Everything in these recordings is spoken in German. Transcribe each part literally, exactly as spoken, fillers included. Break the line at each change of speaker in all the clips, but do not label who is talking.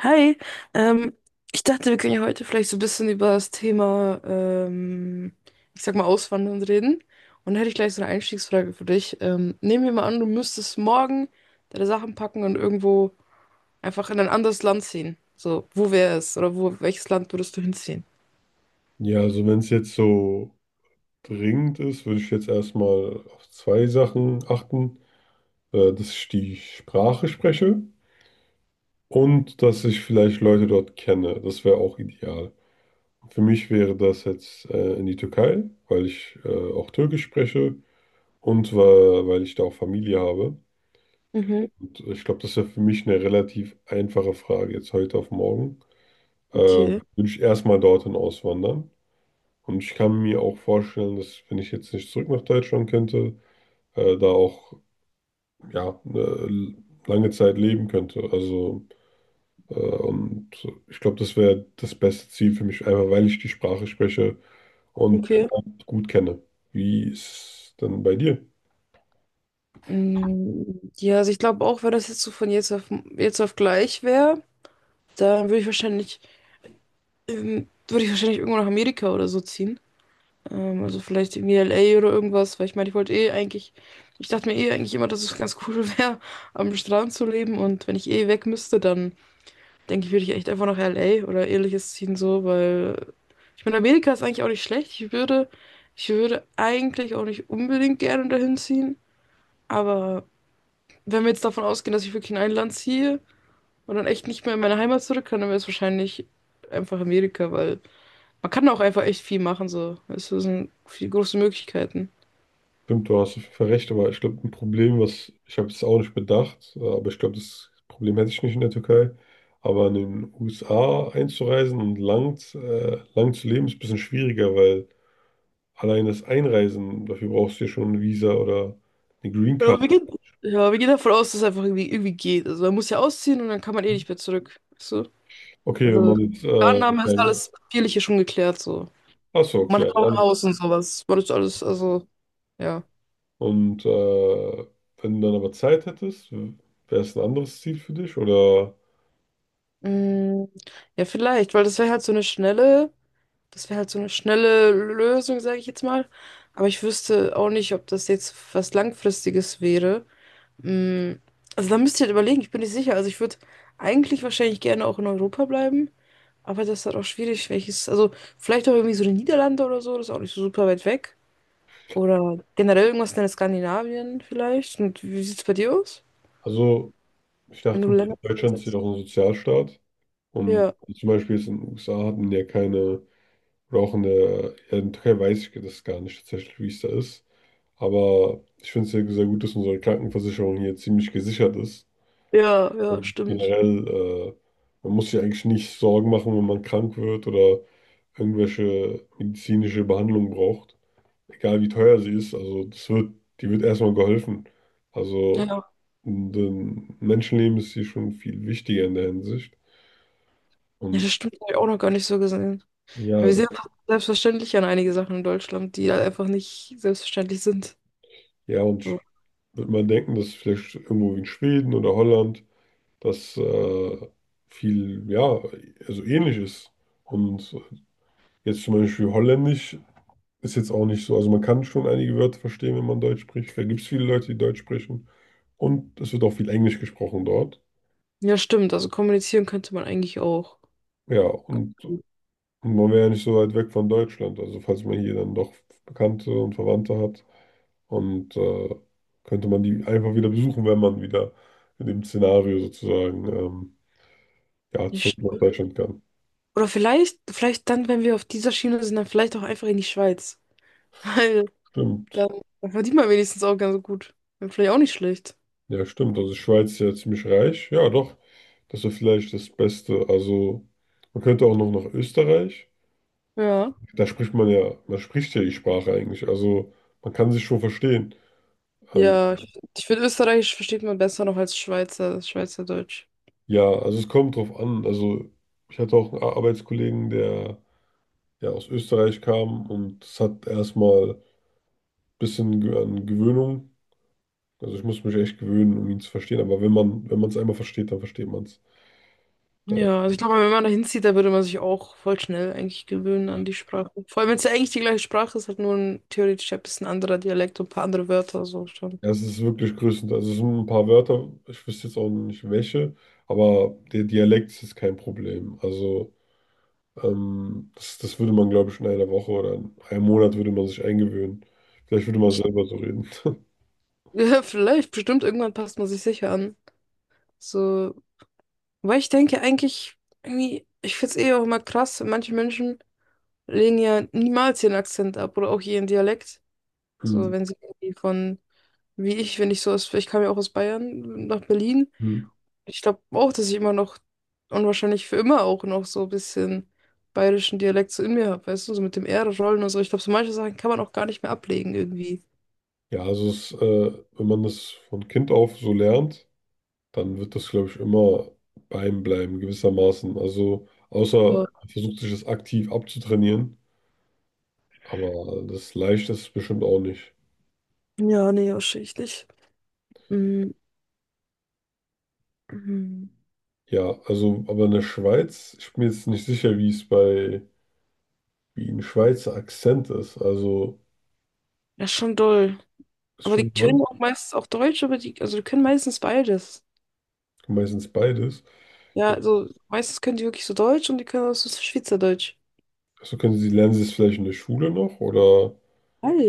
Hi, ähm, ich dachte, wir können ja heute vielleicht so ein bisschen über das Thema, ähm, ich sag mal, Auswandern reden. Und da hätte ich gleich so eine Einstiegsfrage für dich. Ähm, nehmen wir mal an, du müsstest morgen deine Sachen packen und irgendwo einfach in ein anderes Land ziehen. So, wo wäre es? Oder wo, welches Land würdest du hinziehen?
Ja, also wenn es jetzt so dringend ist, würde ich jetzt erstmal auf zwei Sachen achten, äh, dass ich die Sprache spreche und dass ich vielleicht Leute dort kenne. Das wäre auch ideal. Für mich wäre das jetzt äh, in die Türkei, weil ich äh, auch Türkisch spreche und weil, weil ich da auch Familie habe.
Mhm,
Und ich glaube, das wäre für mich eine relativ einfache Frage jetzt heute auf morgen. Äh, Mhm.
okay,
würde ich erstmal dorthin auswandern. Und ich kann mir auch vorstellen, dass wenn ich jetzt nicht zurück nach Deutschland könnte, äh, da auch ja, eine lange Zeit leben könnte. Also, äh, und ich glaube, das wäre das beste Ziel für mich, einfach weil ich die Sprache spreche und den
okay.
Ort gut kenne. Wie ist es denn bei dir?
Mm, ja, also ich glaube auch, wenn das jetzt so von jetzt auf, jetzt auf gleich wäre, dann würde ich wahrscheinlich, ähm, würde ich wahrscheinlich irgendwo nach Amerika oder so ziehen. Ähm, also vielleicht irgendwie L A oder irgendwas, weil ich meine, ich wollte eh eigentlich, ich dachte mir eh eigentlich immer, dass es ganz cool wäre, am Strand zu leben, und wenn ich eh weg müsste, dann denke ich, würde ich echt einfach nach L A oder ähnliches ziehen so, weil ich meine, Amerika ist eigentlich auch nicht schlecht. Ich würde, ich würde eigentlich auch nicht unbedingt gerne dahin ziehen, aber wenn wir jetzt davon ausgehen, dass ich wirklich in ein Land ziehe und dann echt nicht mehr in meine Heimat zurück kann, dann wäre es wahrscheinlich einfach Amerika, weil man kann auch einfach echt viel machen so. Es sind viel große Möglichkeiten.
Stimmt, du hast recht, aber ich glaube, ein Problem, was ich habe es auch nicht bedacht, äh, aber ich glaube, das Problem hätte ich nicht in der Türkei. Aber in den U S A einzureisen und lang, äh, lang zu leben, ist ein bisschen schwieriger, weil allein das Einreisen, dafür brauchst du ja schon ein Visa oder eine Green Card.
Ja, wir gehen, ja, wir gehen davon aus, dass es einfach irgendwie, irgendwie geht. Also man muss ja ausziehen und dann kann man eh nicht mehr zurück. Weißt du?
Okay, wenn
Also die
man jetzt, äh,
Annahme ist
dann,
alles Papierliche schon geklärt so.
ach so,
Man
okay,
hat
also
auch ein
alles.
Haus und sowas. Man ist alles, also, ja.
Und äh, wenn du dann aber Zeit hättest, wäre es ein anderes Ziel für dich? Oder,
Mm, ja, vielleicht, weil das wäre halt so eine schnelle, das wäre halt so eine schnelle Lösung, sage ich jetzt mal. Aber ich wüsste auch nicht, ob das jetzt was Langfristiges wäre. Mm, also da müsst ihr halt überlegen, ich bin nicht sicher. Also ich würde eigentlich wahrscheinlich gerne auch in Europa bleiben. Aber das ist halt auch schwierig, welches, also vielleicht auch irgendwie so die Niederlande oder so, das ist auch nicht so super weit weg. Oder generell irgendwas in Skandinavien vielleicht. Und wie sieht's bei dir aus,
also, ich
wenn du
dachte, mir,
Länder
Deutschland ist ja
sitzt?
auch ein Sozialstaat. Und
Ja,
zum Beispiel jetzt in den U S A hat man ja keine, oder auch in der, ja, in der Türkei weiß ich das gar nicht tatsächlich, wie es da ist. Aber ich finde es ja sehr gut, dass unsere Krankenversicherung hier ziemlich gesichert ist.
ja, ja,
Also
stimmt.
generell, äh, man muss sich eigentlich nicht Sorgen machen, wenn man krank wird oder irgendwelche medizinische Behandlung braucht. Egal wie teuer sie ist, also das wird, die wird erstmal geholfen.
Ja,
Also
ja,
ein Menschenleben ist hier schon viel wichtiger in der Hinsicht.
das
Und
stimmt, habe ich auch noch gar nicht so gesehen.
ja,
Wir
das,
sehen einfach selbstverständlich an einige Sachen in Deutschland, die halt einfach nicht selbstverständlich sind.
ja, und sch-
So.
wird man denken, dass vielleicht irgendwo in Schweden oder Holland das äh, viel, ja, also ähnlich ist. Und jetzt zum Beispiel Holländisch. Ist jetzt auch nicht so. Also man kann schon einige Wörter verstehen, wenn man Deutsch spricht. Da gibt es viele Leute, die Deutsch sprechen. Und es wird auch viel Englisch gesprochen dort.
Ja, stimmt, also kommunizieren könnte man eigentlich auch.
Ja, und man wäre ja nicht so weit weg von Deutschland. Also falls man hier dann doch Bekannte und Verwandte hat. Und äh, könnte man die einfach wieder besuchen, wenn man wieder in dem Szenario sozusagen ähm, ja, zurück
Nicht-
nach Deutschland kann.
Oder vielleicht, vielleicht dann, wenn wir auf dieser Schiene sind, dann vielleicht auch einfach in die Schweiz.
Stimmt.
Dann, dann verdient man wenigstens auch ganz gut. Wäre vielleicht auch nicht schlecht.
Ja, stimmt. Also Schweiz ist ja ziemlich reich. Ja, doch. Das wäre vielleicht das Beste. Also man könnte auch noch nach Österreich.
Ja.
Da spricht man ja, man spricht ja die Sprache eigentlich. Also man kann sich schon verstehen. Ähm,
Ja, ich, ich finde, Österreichisch versteht man besser noch als Schweizer, Schweizerdeutsch.
ja, also es kommt drauf an. Also ich hatte auch einen Ar- Arbeitskollegen, der ja aus Österreich kam und es hat erstmal ein bisschen ge- an Gewöhnung. Also ich muss mich echt gewöhnen, um ihn zu verstehen. Aber wenn man, wenn man es einmal versteht, dann versteht man es. Äh,
Ja, also ich glaube, wenn man da hinzieht, da würde man sich auch voll schnell eigentlich gewöhnen
ja.
an die Sprache. Vor allem, wenn es ja eigentlich die gleiche Sprache ist, halt nur ein theoretisch ein bisschen anderer Dialekt und ein paar andere Wörter, so schon.
Ja, es ist wirklich größtenteils. Also es sind ein paar Wörter, ich wüsste jetzt auch nicht welche, aber der Dialekt ist kein Problem. Also Ähm, das, das würde man, glaube ich, in einer Woche oder in einem Monat würde man sich eingewöhnen. Vielleicht würde man
Ich,
selber so reden.
ja, vielleicht, bestimmt, irgendwann passt man sich sicher an. So, weil ich denke eigentlich, irgendwie, ich finde es eh auch immer krass, manche Menschen lehnen ja niemals ihren Akzent ab oder auch ihren Dialekt.
Hm,
So, wenn sie irgendwie von, wie ich, wenn ich so aus, ich kam ja auch aus Bayern nach Berlin.
hm.
Ich glaube auch, dass ich immer noch und wahrscheinlich für immer auch noch so ein bisschen bayerischen Dialekt so in mir habe, weißt du, so mit dem R rollen und so. Ich glaube, so manche Sachen kann man auch gar nicht mehr ablegen irgendwie.
Ja, also es, äh, wenn man das von Kind auf so lernt, dann wird das, glaube ich, immer bei einem bleiben, gewissermaßen. Also außer
Aber,
man versucht sich das aktiv abzutrainieren, aber das leicht ist es bestimmt auch nicht.
ja, nee, wahrscheinlich nicht. Mm, mm.
Ja, also, aber in der Schweiz, ich bin mir jetzt nicht sicher, wie es bei, wie ein Schweizer Akzent ist. Also,
Ja, schon doll.
ist
Aber die
schon
können
toll,
auch meistens auch Deutsch, aber die, also die können meistens beides.
meistens beides. Ja,
Ja, also meistens können die wirklich so Deutsch und die können auch so Schweizerdeutsch.
also können Sie, lernen Sie es vielleicht in der Schule noch oder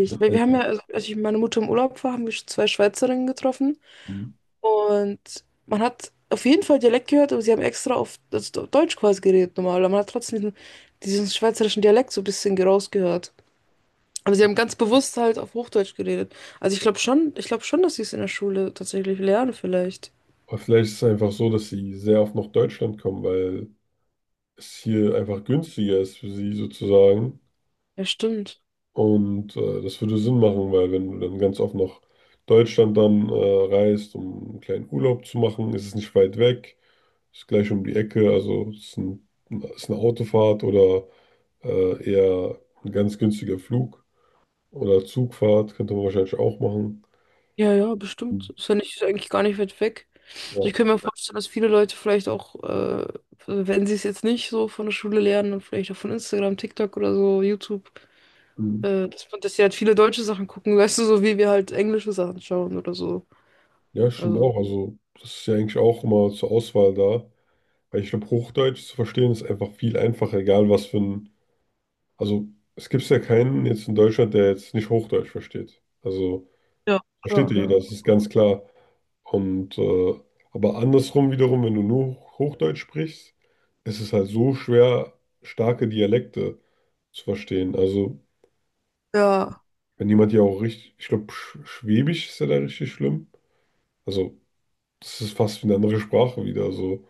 mit den
weil wir haben
Eltern?
ja, also als ich mit meiner Mutter im Urlaub war, haben wir zwei Schweizerinnen getroffen
Mhm.
und man hat auf jeden Fall Dialekt gehört, aber sie haben extra auf also Deutsch quasi geredet normal, aber man hat trotzdem diesen, diesen schweizerischen Dialekt so ein bisschen rausgehört. Aber sie haben ganz bewusst halt auf Hochdeutsch geredet. Also ich glaube schon, ich glaube schon, dass sie es in der Schule tatsächlich lernen vielleicht.
Oder vielleicht ist es einfach so, dass Sie sehr oft nach Deutschland kommen, weil es hier einfach günstiger ist für Sie sozusagen.
Ja, stimmt.
Und äh, das würde Sinn machen, weil wenn du dann ganz oft nach Deutschland dann äh, reist, um einen kleinen Urlaub zu machen, ist es nicht weit weg, ist gleich um die Ecke, also es ist, ein, ist eine Autofahrt oder äh, eher ein ganz günstiger Flug oder Zugfahrt könnte man wahrscheinlich auch machen.
Ja, ja,
Mhm.
bestimmt. Ist ja nicht, ist ja eigentlich gar nicht weit weg. Also ich
Ja.
könnte mir vorstellen, dass viele Leute vielleicht auch, äh, wenn sie es jetzt nicht so von der Schule lernen, dann vielleicht auch von Instagram, TikTok oder so, YouTube,
Mhm.
äh, dass, man- dass sie halt viele deutsche Sachen gucken, weißt du, so wie wir halt englische Sachen schauen oder so.
Ja, stimmt
Also,
auch. Also, das ist ja eigentlich auch immer zur Auswahl da. Weil ich glaube, Hochdeutsch zu verstehen ist einfach viel einfacher, egal was für ein. Also, es gibt ja keinen jetzt in Deutschland, der jetzt nicht Hochdeutsch versteht. Also,
ja,
versteht
klar,
ja jeder,
ja.
das ist ganz klar. Und, äh, aber andersrum wiederum, wenn du nur Hochdeutsch sprichst, ist es halt so schwer, starke Dialekte zu verstehen. Also,
Ja,
wenn jemand ja auch richtig. Ich glaube, Schwäbisch ist ja da richtig schlimm. Also, das ist fast wie eine andere Sprache wieder. So.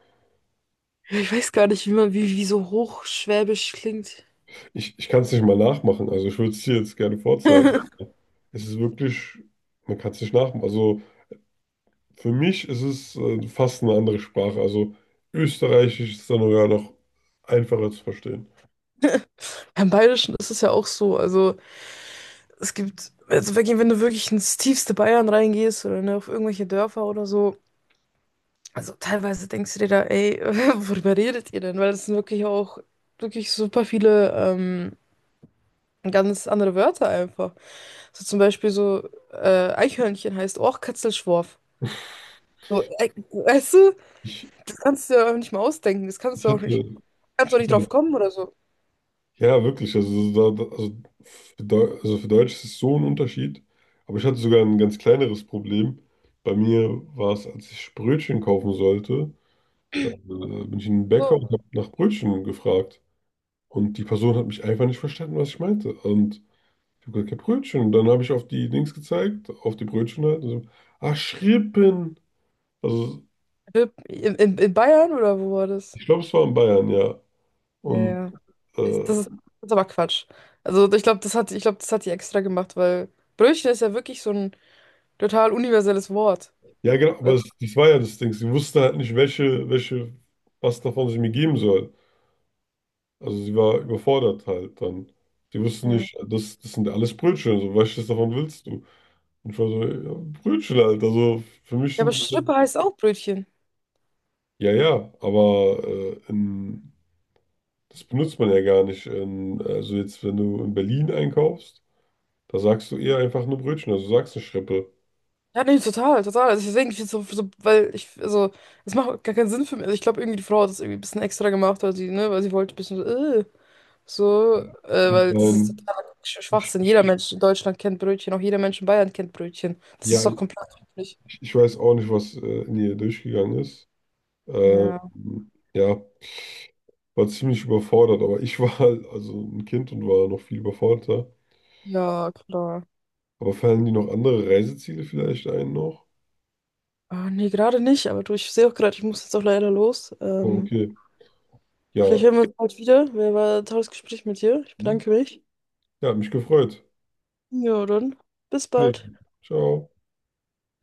ich weiß gar nicht, wie man, wie, wie so hochschwäbisch klingt.
Ich, ich kann es nicht mal nachmachen. Also ich würde es dir jetzt gerne vorzeigen. Es ist wirklich, man kann es nicht nachmachen. Also für mich ist es äh, fast eine andere Sprache. Also Österreichisch ist dann sogar noch einfacher zu verstehen.
Im Bayerischen ist es ja auch so. Also es gibt, also wirklich, wenn du wirklich ins tiefste Bayern reingehst oder ne, auf irgendwelche Dörfer oder so, also teilweise denkst du dir da, ey, worüber redet ihr denn? Weil es sind wirklich auch wirklich super viele ähm, ganz andere Wörter einfach. So zum Beispiel so äh, Eichhörnchen heißt auch Katzelschworf. So, ey, weißt du,
Ich,
das kannst du dir auch nicht mal ausdenken. Das kannst
ich
du auch
hatte,
nicht, kannst
ich
du auch nicht drauf
hatte,
kommen oder so.
ja wirklich, also, so da, da- also, für Deu- also für Deutsch ist es so ein Unterschied. Aber ich hatte sogar ein ganz kleineres Problem. Bei mir war es, als ich Brötchen kaufen sollte, äh, bin ich in den Bäcker und
So.
habe nach Brötchen gefragt. Und die Person hat mich einfach nicht verstanden, was ich meinte. Und ich habe gesagt, ja, Brötchen. Und dann habe ich auf die Dings gezeigt, auf die Brötchen halt. Und so, ah, Schrippen. Also,
In, in, in Bayern oder wo war das?
ich glaube, es war in Bayern, ja.
Ja,
Und
ja. Das
äh,
das ist, das ist aber Quatsch. Also ich glaube, das hat, ich glaube, das hat die extra gemacht, weil Brötchen ist ja wirklich so ein total universelles Wort.
ja, genau, aber
Was?
es, das war ja das Ding. Sie wusste halt nicht, welche, welche, was davon sie mir geben soll. Also, sie war überfordert halt dann. Sie wusste nicht, das, das sind alles Brötchen. So, welches davon willst du? Und ich war so, ja, Brötchen halt. Also, für mich
Ja, aber
sind das,
Schrippe heißt auch Brötchen.
ja, ja, aber äh, in. Das benutzt man ja gar nicht. In, also jetzt, wenn du in Berlin einkaufst, da sagst du eher einfach nur Brötchen, also du sagst eine Schrippe.
Ja, nee, total, total. Also deswegen, ich find's so, so, weil ich, also, es macht gar keinen Sinn für mich. Also ich glaube, irgendwie die Frau hat das irgendwie ein bisschen extra gemacht, weil sie, ne, weil sie wollte ein bisschen so, äh, so, äh, weil das ist
Ähm,
totaler Sch- Schwachsinn. Jeder Mensch in Deutschland kennt Brötchen, auch jeder Mensch in Bayern kennt Brötchen. Das
ja,
ist doch
ich,
komplett üblich.
ich weiß auch nicht, was äh, in ihr durchgegangen ist. Ähm,
Ja,
ja, war ziemlich überfordert, aber ich war halt also ein Kind und war noch viel überforderter.
ja, klar.
Aber fallen die noch andere Reiseziele vielleicht ein noch?
Ah, nee, gerade nicht, aber du, ich sehe auch gerade, ich muss jetzt auch leider los.
Oh,
Ähm,
okay. Ja,
vielleicht hören wir uns bald wieder. Wer war ein tolles Gespräch mit dir? Ich
hm.
bedanke mich.
Ja, hat mich gefreut.
Ja, dann, bis bald.
Wiedersehen. Ciao.